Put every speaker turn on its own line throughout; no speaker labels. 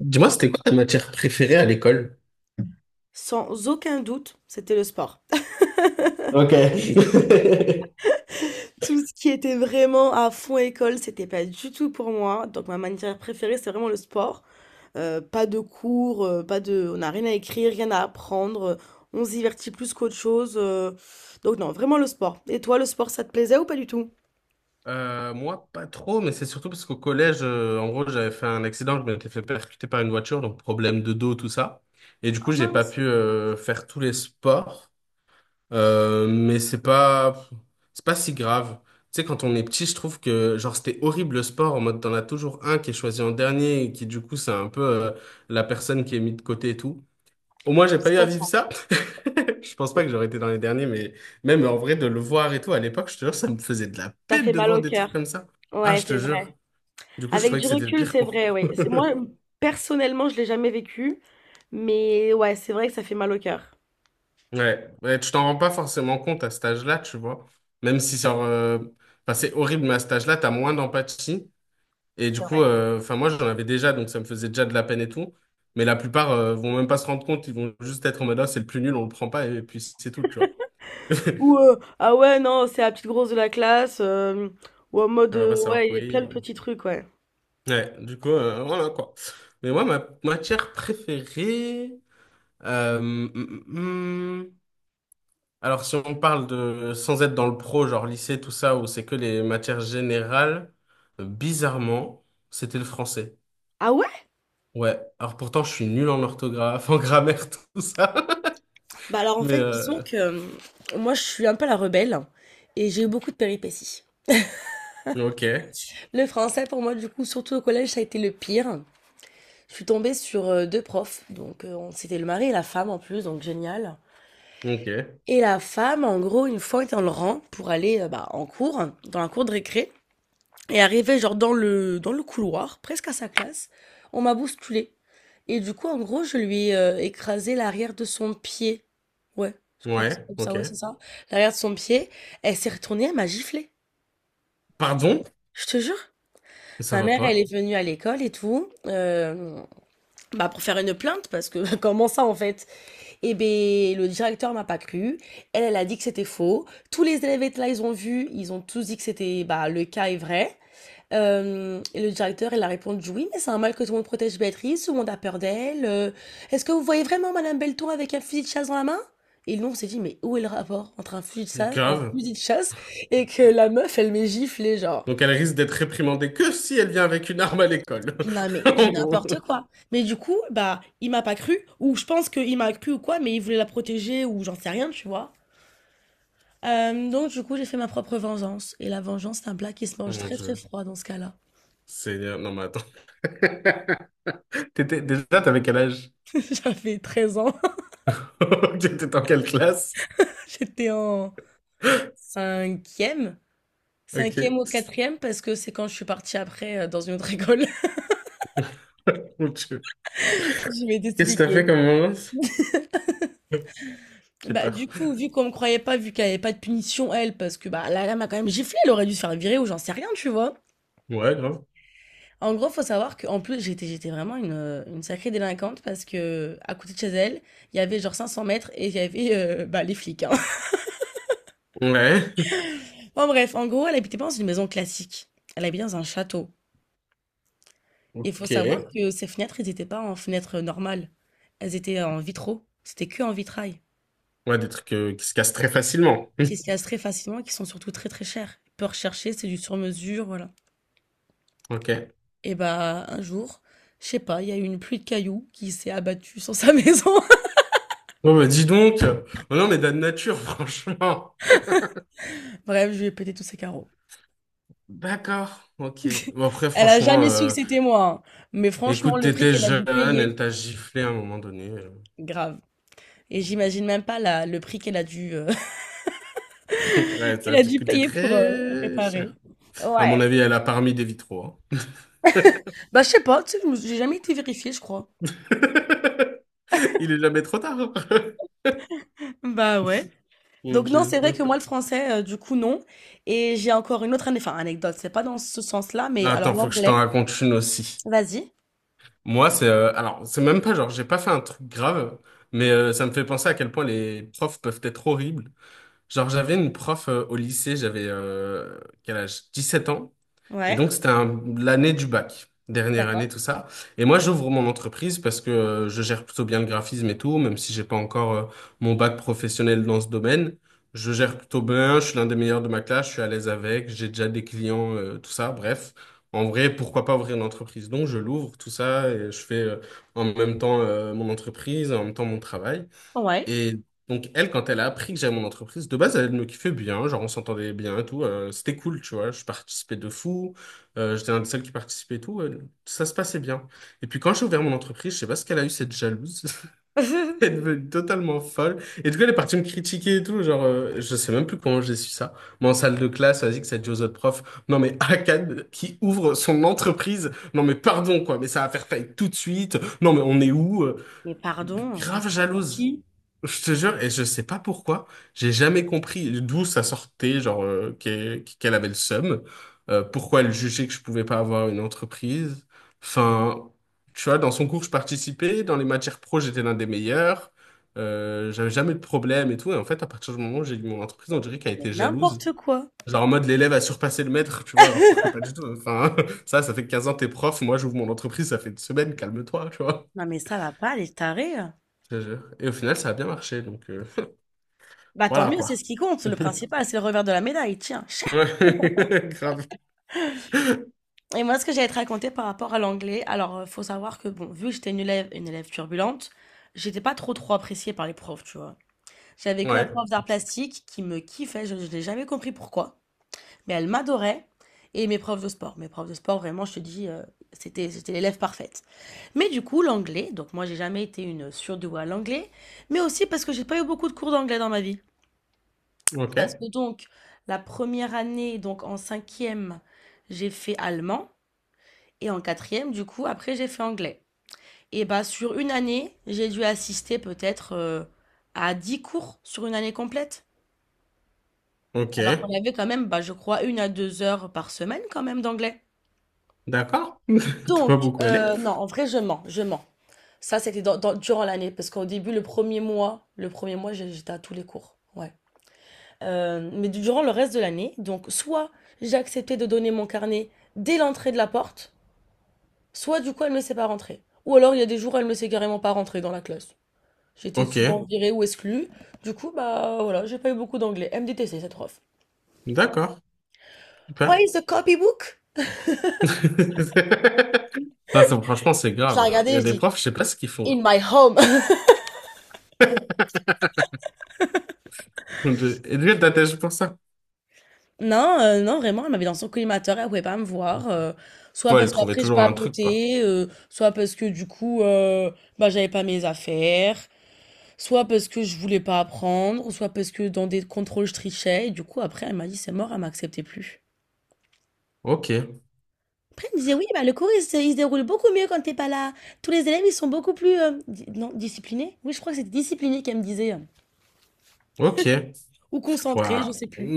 Dis-moi, c'était quoi ta matière préférée à l'école?
Sans aucun doute, c'était le sport.
Ok.
Tout ce qui était vraiment à fond école, c'était pas du tout pour moi. Donc ma matière préférée, c'est vraiment le sport. Pas de cours, pas de, on n'a rien à écrire, rien à apprendre. On se divertit plus qu'autre chose. Donc non, vraiment le sport. Et toi, le sport, ça te plaisait ou pas du tout?
Moi, pas trop, mais c'est surtout parce qu'au collège, en gros, j'avais fait un accident, je m'étais fait percuter par une voiture, donc problème de dos, tout ça. Et du
Ah
coup, j'ai pas
mince,
pu faire tous les sports. Mais c'est pas si grave. Tu sais, quand on est petit, je trouve que, genre, c'était horrible le sport, en mode, t'en as toujours un qui est choisi en dernier, et qui, du coup, c'est un peu la personne qui est mise de côté et tout. Au moins, j'ai
je
pas eu à vivre
comprends.
ça. Je pense pas que j'aurais été dans les derniers, mais même en vrai, de le voir et tout, à l'époque, je te jure, ça me faisait de la
Ça
peine
fait
de
mal
voir
au
des trucs
cœur.
comme ça. Ah,
Ouais,
je te
c'est
jure.
vrai.
Du coup, je
Avec
trouvais
du
que c'était le
recul,
pire
c'est
cours.
vrai, oui. Moi, personnellement, je l'ai jamais vécu, mais ouais, c'est vrai que ça fait mal au cœur.
Ouais, ouais, tu t'en rends pas forcément compte à cet âge-là, tu vois. Même si enfin, c'est horrible, mais à cet âge-là, t'as moins d'empathie. Et du
C'est
coup,
vrai.
enfin, moi, j'en avais déjà, donc ça me faisait déjà de la peine et tout. Mais la plupart, vont même pas se rendre compte, ils vont juste être en mode, ah, c'est le plus nul, on le prend pas, et puis c'est tout, tu vois.
Ou ah ouais, non, c'est la petite grosse de la classe. Ou en mode,
Elle va pas savoir
ouais, il y a plein
courir.
de petits trucs, ouais.
Ouais, du coup, voilà quoi. Mais moi, ma matière préférée. euh, mm, mm, mm. Alors, si on parle de. Sans être dans le pro, genre lycée, tout ça, où c'est que les matières générales, bizarrement, c'était le français.
Ah ouais?
Ouais. Alors, pourtant, je suis nul en orthographe, en grammaire, tout ça.
Bah alors en
Mais.
fait, disons
euh,
que moi je suis un peu la rebelle et j'ai eu beaucoup de péripéties.
ok.
Le français pour moi du coup, surtout au collège, ça a été le pire. Je suis tombée sur deux profs, donc c'était le mari et la femme en plus, donc génial.
Ok.
Et la femme, en gros, une fois était dans le rang pour aller bah, en cours, dans la cour de récré. Et arrivé genre dans le couloir, presque à sa classe, on m'a bousculé. Et du coup, en gros, je lui ai écrasé l'arrière de son pied. Ouais, je crois que c'est
Ouais.
comme ça,
Ok.
ouais, c'est ça. L'arrière de son pied. Elle s'est retournée, elle m'a giflé.
Pardon?
Je te jure.
Mais ça
Ma
va
mère, elle
pas.
est venue à l'école et tout, bah pour faire une plainte, parce que comment ça en fait? Eh ben, le directeur m'a pas cru. Elle, elle a dit que c'était faux. Tous les élèves étaient là, ils ont vu, ils ont tous dit que c'était, bah, le cas est vrai. Hem Et le directeur, il a répondu: «Oui, mais c'est un mal que tout le monde protège Béatrice, tout le monde a peur d'elle, est-ce que vous voyez vraiment madame Belton avec un fusil de chasse dans la main?» Et nous, on s'est dit: «Mais où est le rapport entre un fusil de chasse un
Grave.
fusil de chasse et que la meuf, elle m'est giflée, genre.»
Donc, elle risque d'être réprimandée que si elle vient avec une arme à l'école.
Non, mais du
En gros.
n'importe quoi. Mais du coup, bah, il m'a pas cru ou je pense qu'il m'a cru ou quoi, mais il voulait la protéger ou j'en sais rien, tu vois? Donc du coup, j'ai fait ma propre vengeance et la vengeance, c'est un plat qui se
Oh
mange
mon
très, très
Dieu.
froid dans ce cas-là.
Seigneur, non mais attends. T'étais... Déjà, t'avais quel âge?
J'avais 13 ans,
T'étais en quelle classe?
j'étais en cinquième? Cinquième
Ok.
ou quatrième, parce que c'est quand je suis partie après dans une autre école.
Mon Dieu.
Je vais
Qu'est-ce que t'as fait
t'expliquer.
comme violence? J'ai
Bah, du
peur.
coup, vu qu'on me croyait pas, vu qu'elle avait pas de punition, elle, parce que bah, la lame a quand même giflé, elle aurait dû se faire virer ou j'en sais rien, tu vois.
Ouais, grave.
En gros, faut savoir qu'en plus, j'étais vraiment une sacrée délinquante, parce que à côté de chez elle, il y avait genre 500 mètres et il y avait bah, les flics, hein.
Ouais.
Bon, bref, en gros, elle habitait pas dans une maison classique. Elle habitait dans un château. Il faut savoir
Ok.
que ces fenêtres, elles n'étaient pas en fenêtres normales. Elles étaient en vitraux. C'était que en vitrail.
Ouais, des trucs qui se cassent très facilement.
Qui se cassent très facilement et qui sont surtout très très chères. Peu recherchées, c'est du sur-mesure, voilà.
Ok.
Et bah, un jour, je sais pas, il y a eu une pluie de cailloux qui s'est abattue sur sa maison.
Bon, bah dis donc. Oh non, mais de nature, franchement.
Bref, je lui ai pété tous ses carreaux.
D'accord. Ok. Bon, après,
Elle a
franchement,
jamais su que c'était moi, hein. Mais franchement,
écoute,
le prix
t'étais
qu'elle a dû
jeune,
payer,
elle t'a giflé à un moment donné.
grave. Et j'imagine même pas la, le prix qu'elle a dû,
Ouais, ça
qu'elle
a
a
dû
dû
coûter
payer pour
très
réparer.
cher. À mon
Ouais.
avis, elle a parmi des vitraux. Hein.
Bah, je sais pas, tu sais, j'ai jamais été vérifiée, je crois.
Il est jamais trop tard.
Bah ouais.
Mon
Donc non,
Dieu,
c'est vrai que
non.
moi le français, du coup non. Et j'ai encore une autre enfin, anecdote. C'est pas dans ce sens-là, mais alors
Attends, faut que je t'en
l'anglais.
raconte une aussi.
Vas-y.
Moi, c'est alors, c'est même pas genre, j'ai pas fait un truc grave, mais ça me fait penser à quel point les profs peuvent être horribles. Genre, j'avais une prof au lycée, j'avais quel âge? 7 ans. Et
Ouais.
donc, c'était l'année du bac, dernière année,
D'accord.
tout ça. Et moi, j'ouvre mon entreprise parce que je gère plutôt bien le graphisme et tout, même si j'ai pas encore mon bac professionnel dans ce domaine. Je gère plutôt bien, je suis l'un des meilleurs de ma classe, je suis à l'aise avec, j'ai déjà des clients, tout ça. Bref, en vrai, pourquoi pas ouvrir une entreprise? Donc, je l'ouvre, tout ça, et je fais en même temps mon entreprise, en même temps mon travail.
Ouais.
Et donc, elle, quand elle a appris que j'avais mon entreprise, de base, elle me kiffait bien. Genre, on s'entendait bien et tout. C'était cool, tu vois. Je participais de fou. J'étais un des seuls qui participait et tout. Ça se passait bien. Et puis, quand j'ai ouvert mon entreprise, je sais pas ce qu'elle a eu, cette jalouse. Elle est devenue totalement folle. Et du coup, elle est partie me critiquer et tout. Genre, je sais même plus comment j'ai su ça. Mais en salle de classe, vas-y, que ça dit aux autres profs. Non, mais Akad qui ouvre son entreprise. Non, mais pardon, quoi. Mais ça va faire faillite tout de suite. Non, mais on est où?
Mais pardon, on se
Grave
prend pour
jalouse.
qui?
Je te jure, et je sais pas pourquoi, j'ai jamais compris d'où ça sortait, genre qu'elle avait le seum, pourquoi elle jugeait que je pouvais pas avoir une entreprise. Enfin, tu vois, dans son cours, je participais, dans les matières pro, j'étais l'un des meilleurs, j'avais jamais de problème et tout, et en fait, à partir du moment où j'ai eu mon entreprise, on dirait
Ah,
qu'elle
mais
était jalouse.
n'importe quoi.
Genre en mode l'élève a surpassé le maître, tu vois, alors que pas du tout. Enfin, ça fait 15 ans que t'es prof, moi j'ouvre mon entreprise, ça fait une semaine, calme-toi, tu vois.
Non mais ça va pas, les tarés.
Je te jure. Et au final, ça a bien marché, donc...
Bah tant
Voilà
mieux,
quoi.
c'est ce qui compte. Le principal, c'est le revers de la médaille. Tiens. Chat.
Ouais, Grave.
Et moi, ce que j'allais te raconter par rapport à l'anglais, alors faut savoir que bon, vu que une élève turbulente, j'étais pas trop trop appréciée par les profs, tu vois. J'avais que la
Ouais.
prof d'art plastique qui me kiffait. Je n'ai jamais compris pourquoi. Mais elle m'adorait. Et mes profs de sport. Mes profs de sport, vraiment, je te dis, c'était l'élève parfaite. Mais du coup, l'anglais, donc moi, j'ai jamais été une surdouée à l'anglais, mais aussi parce que j'ai pas eu beaucoup de cours d'anglais dans ma vie.
Ok.
Parce que donc, la première année, donc en cinquième, j'ai fait allemand, et en quatrième, du coup, après, j'ai fait anglais. Et bah, sur une année, j'ai dû assister peut-être à 10 cours sur une année complète. Alors
Ok.
qu'on avait quand même, bah, je crois, 1 à 2 heures par semaine quand même d'anglais.
D'accord. T'es pas
Donc,
beaucoup allé.
non, en vrai, je mens, je mens. Ça, c'était durant l'année, parce qu'au début, le premier mois, j'étais à tous les cours. Ouais. Mais durant le reste de l'année, donc, soit j'ai accepté de donner mon carnet dès l'entrée de la porte, soit du coup, elle me laissait pas rentrer. Ou alors, il y a des jours, elle me laissait carrément pas rentrer dans la classe. J'étais
Ok.
souvent virée ou exclue. Du coup, bah voilà, j'ai pas eu beaucoup d'anglais. Elle me détestait, cette prof.
D'accord.
Where
Super.
is the copybook?
Là, franchement, c'est
Je la
grave. Hein. Il y
regardais,
a
je
des
dis,
profs, je sais pas ce qu'ils font là.
In my home.
Donc, Et lui, elle t'attache pour ça.
Non, non, vraiment, elle m'avait dans son collimateur, elle pouvait pas me voir, soit
Ouais, elle
parce
trouvait
qu'après je
toujours un truc, quoi.
papotais, soit parce que du coup, bah, j'avais pas mes affaires, soit parce que je voulais pas apprendre, soit parce que dans des contrôles je trichais et du coup après elle m'a dit: «C'est mort», elle m'acceptait plus.
Ok,
Après elle me disait: «Oui, bah, le cours il se déroule beaucoup mieux quand t'es pas là. Tous les élèves ils sont beaucoup plus,» di non, disciplinés? Oui, je crois que c'était disciplinés qu'elle me disait,
ok.
ou concentrés, je
Ouah.
sais plus.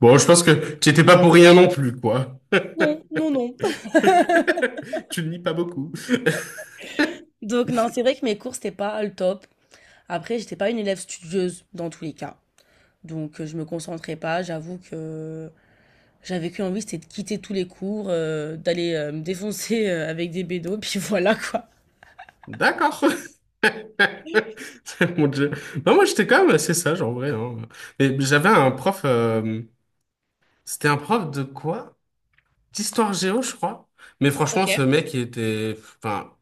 Bon, je pense que tu étais pas pour rien non plus, quoi.
Non, non, non.
Tu ne lis pas beaucoup.
Donc non, c'est vrai que mes cours c'était pas le top. Après, j'étais pas une élève studieuse dans tous les cas. Donc, je me concentrais pas. J'avoue que j'avais qu'une envie, c'était de quitter tous les cours, d'aller me défoncer avec des bédos, puis voilà quoi.
D'accord. Mon Dieu. Non, moi, j'étais quand même assez sage, en vrai. Hein. Et j'avais un prof... euh, C'était un prof de quoi? D'histoire géo, je crois. Mais
Ok,
franchement, ce mec, il était... Enfin,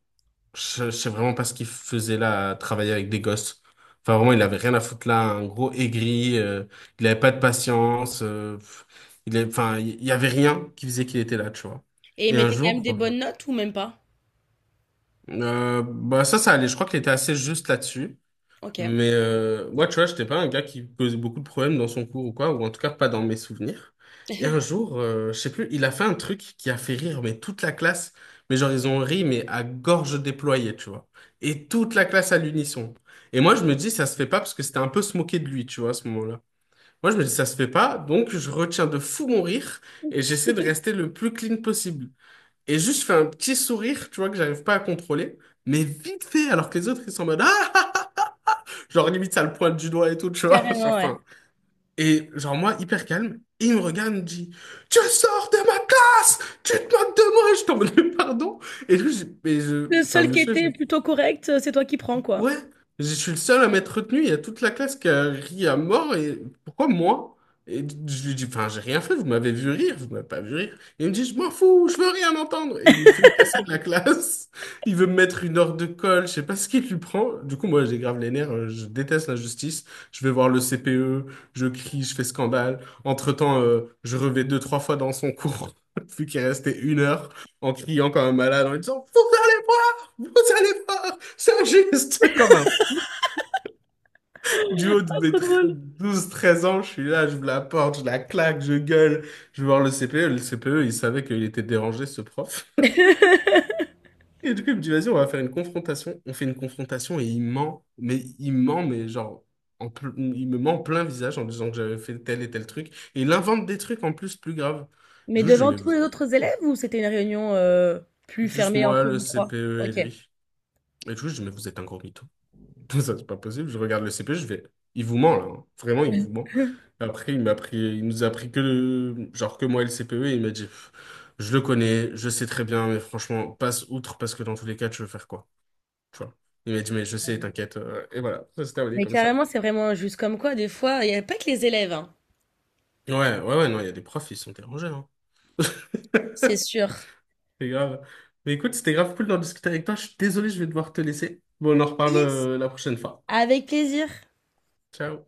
je sais vraiment pas ce qu'il faisait là, à travailler avec des gosses. Enfin, vraiment, il avait rien à foutre là. Un gros aigri. Il avait pas de patience. Enfin, il y avait rien qui faisait qu'il était là, tu vois.
et ils
Et un
mettaient quand
jour...
même des bonnes notes ou même pas?
Bah ça, ça allait. Je crois qu'il était assez juste là-dessus.
Ok.
Mais moi, tu vois, j'étais pas un gars qui posait beaucoup de problèmes dans son cours ou quoi, ou en tout cas pas dans mes souvenirs. Et un jour, je sais plus, il a fait un truc qui a fait rire, mais toute la classe, mais genre ils ont ri, mais à gorge déployée, tu vois. Et toute la classe à l'unisson. Et moi, je me dis, ça se fait pas parce que c'était un peu se moquer de lui, tu vois, à ce moment-là. Moi, je me dis, ça se fait pas, donc je retiens de fou mon rire et j'essaie de rester le plus clean possible. Et juste, je fais un petit sourire, tu vois, que j'arrive pas à contrôler, mais vite fait, alors que les autres, ils sont en mode, Ah! Genre, limite, ça le pointe du doigt et tout, tu vois. Genre,
Carrément, ouais.
Enfin. Et, genre, moi, hyper calme. Et il me regarde, il me dit, Tu sors de ma classe! Tu te moques de moi! Je t'en mode, mais pardon. Et lui, je, mais je,
Le
enfin,
seul qui
monsieur, je-
était plutôt correct, c'est toi qui prends, quoi.
Ouais, je suis le seul à m'être retenu. Il y a toute la classe qui a ri à mort. Et pourquoi moi? Et je lui dis, enfin, j'ai rien fait. Vous m'avez vu rire. Vous m'avez pas vu rire. Et il me dit, je m'en fous. Je veux rien entendre. Et il me fait me casser de la classe. Il veut me mettre une heure de colle. Je sais pas ce qu'il lui prend. Du coup, moi, j'ai grave les nerfs. Je déteste l'injustice. Je vais voir le CPE. Je crie. Je fais scandale. Entre-temps, je revais deux, trois fois dans son cours. Vu qu'il restait une heure en criant comme un malade en lui disant, vous allez voir! Vous allez voir! C'est un geste comme un fou. Du haut de
Ah,
mes
trop drôle.
douze treize ans, je suis là, je me la porte, je la claque, je gueule. Je vais voir le CPE. Le CPE, il savait qu'il était dérangé, ce prof. Et du coup, il me dit, vas-y, on va faire une confrontation. On fait une confrontation et il ment. Mais il ment, mais genre, il me ment en plein visage en disant que j'avais fait tel et tel truc. Et il invente des trucs en plus graves.
Mais
Du coup, Je lui dis,
devant
mais
tous
vous êtes
les autres
fous. Hein.
élèves ou c'était une réunion plus
Juste
fermée
moi,
entre
le
vous trois?
CPE et
Ok.
lui. Et du coup, je dis, mais vous êtes un gros mytho. Ça, c'est pas possible. Je regarde le CP, je vais. Il vous ment, là. Hein. Vraiment, il vous ment. Après, il m'a pris, il nous a pris que le, genre que moi et le CPE, et il m'a dit, je le connais, je sais très bien, mais franchement, passe outre parce que dans tous les cas, tu veux faire quoi? Tu vois. Il m'a dit, mais je sais, t'inquiète. Et voilà, ça s'est terminé
Mais
comme ça.
carrément, c'est vraiment injuste. Comme quoi, des fois, il n'y a pas que les élèves, hein.
Ouais, ouais, ouais, non, il y a des profs, ils sont dérangés, hein.
C'est sûr.
C'est grave. Mais écoute, c'était grave cool d'en discuter avec toi. Je suis désolé, je vais devoir te laisser. Bon, on en reparle
Yes,
la prochaine fois.
avec plaisir.
Ciao.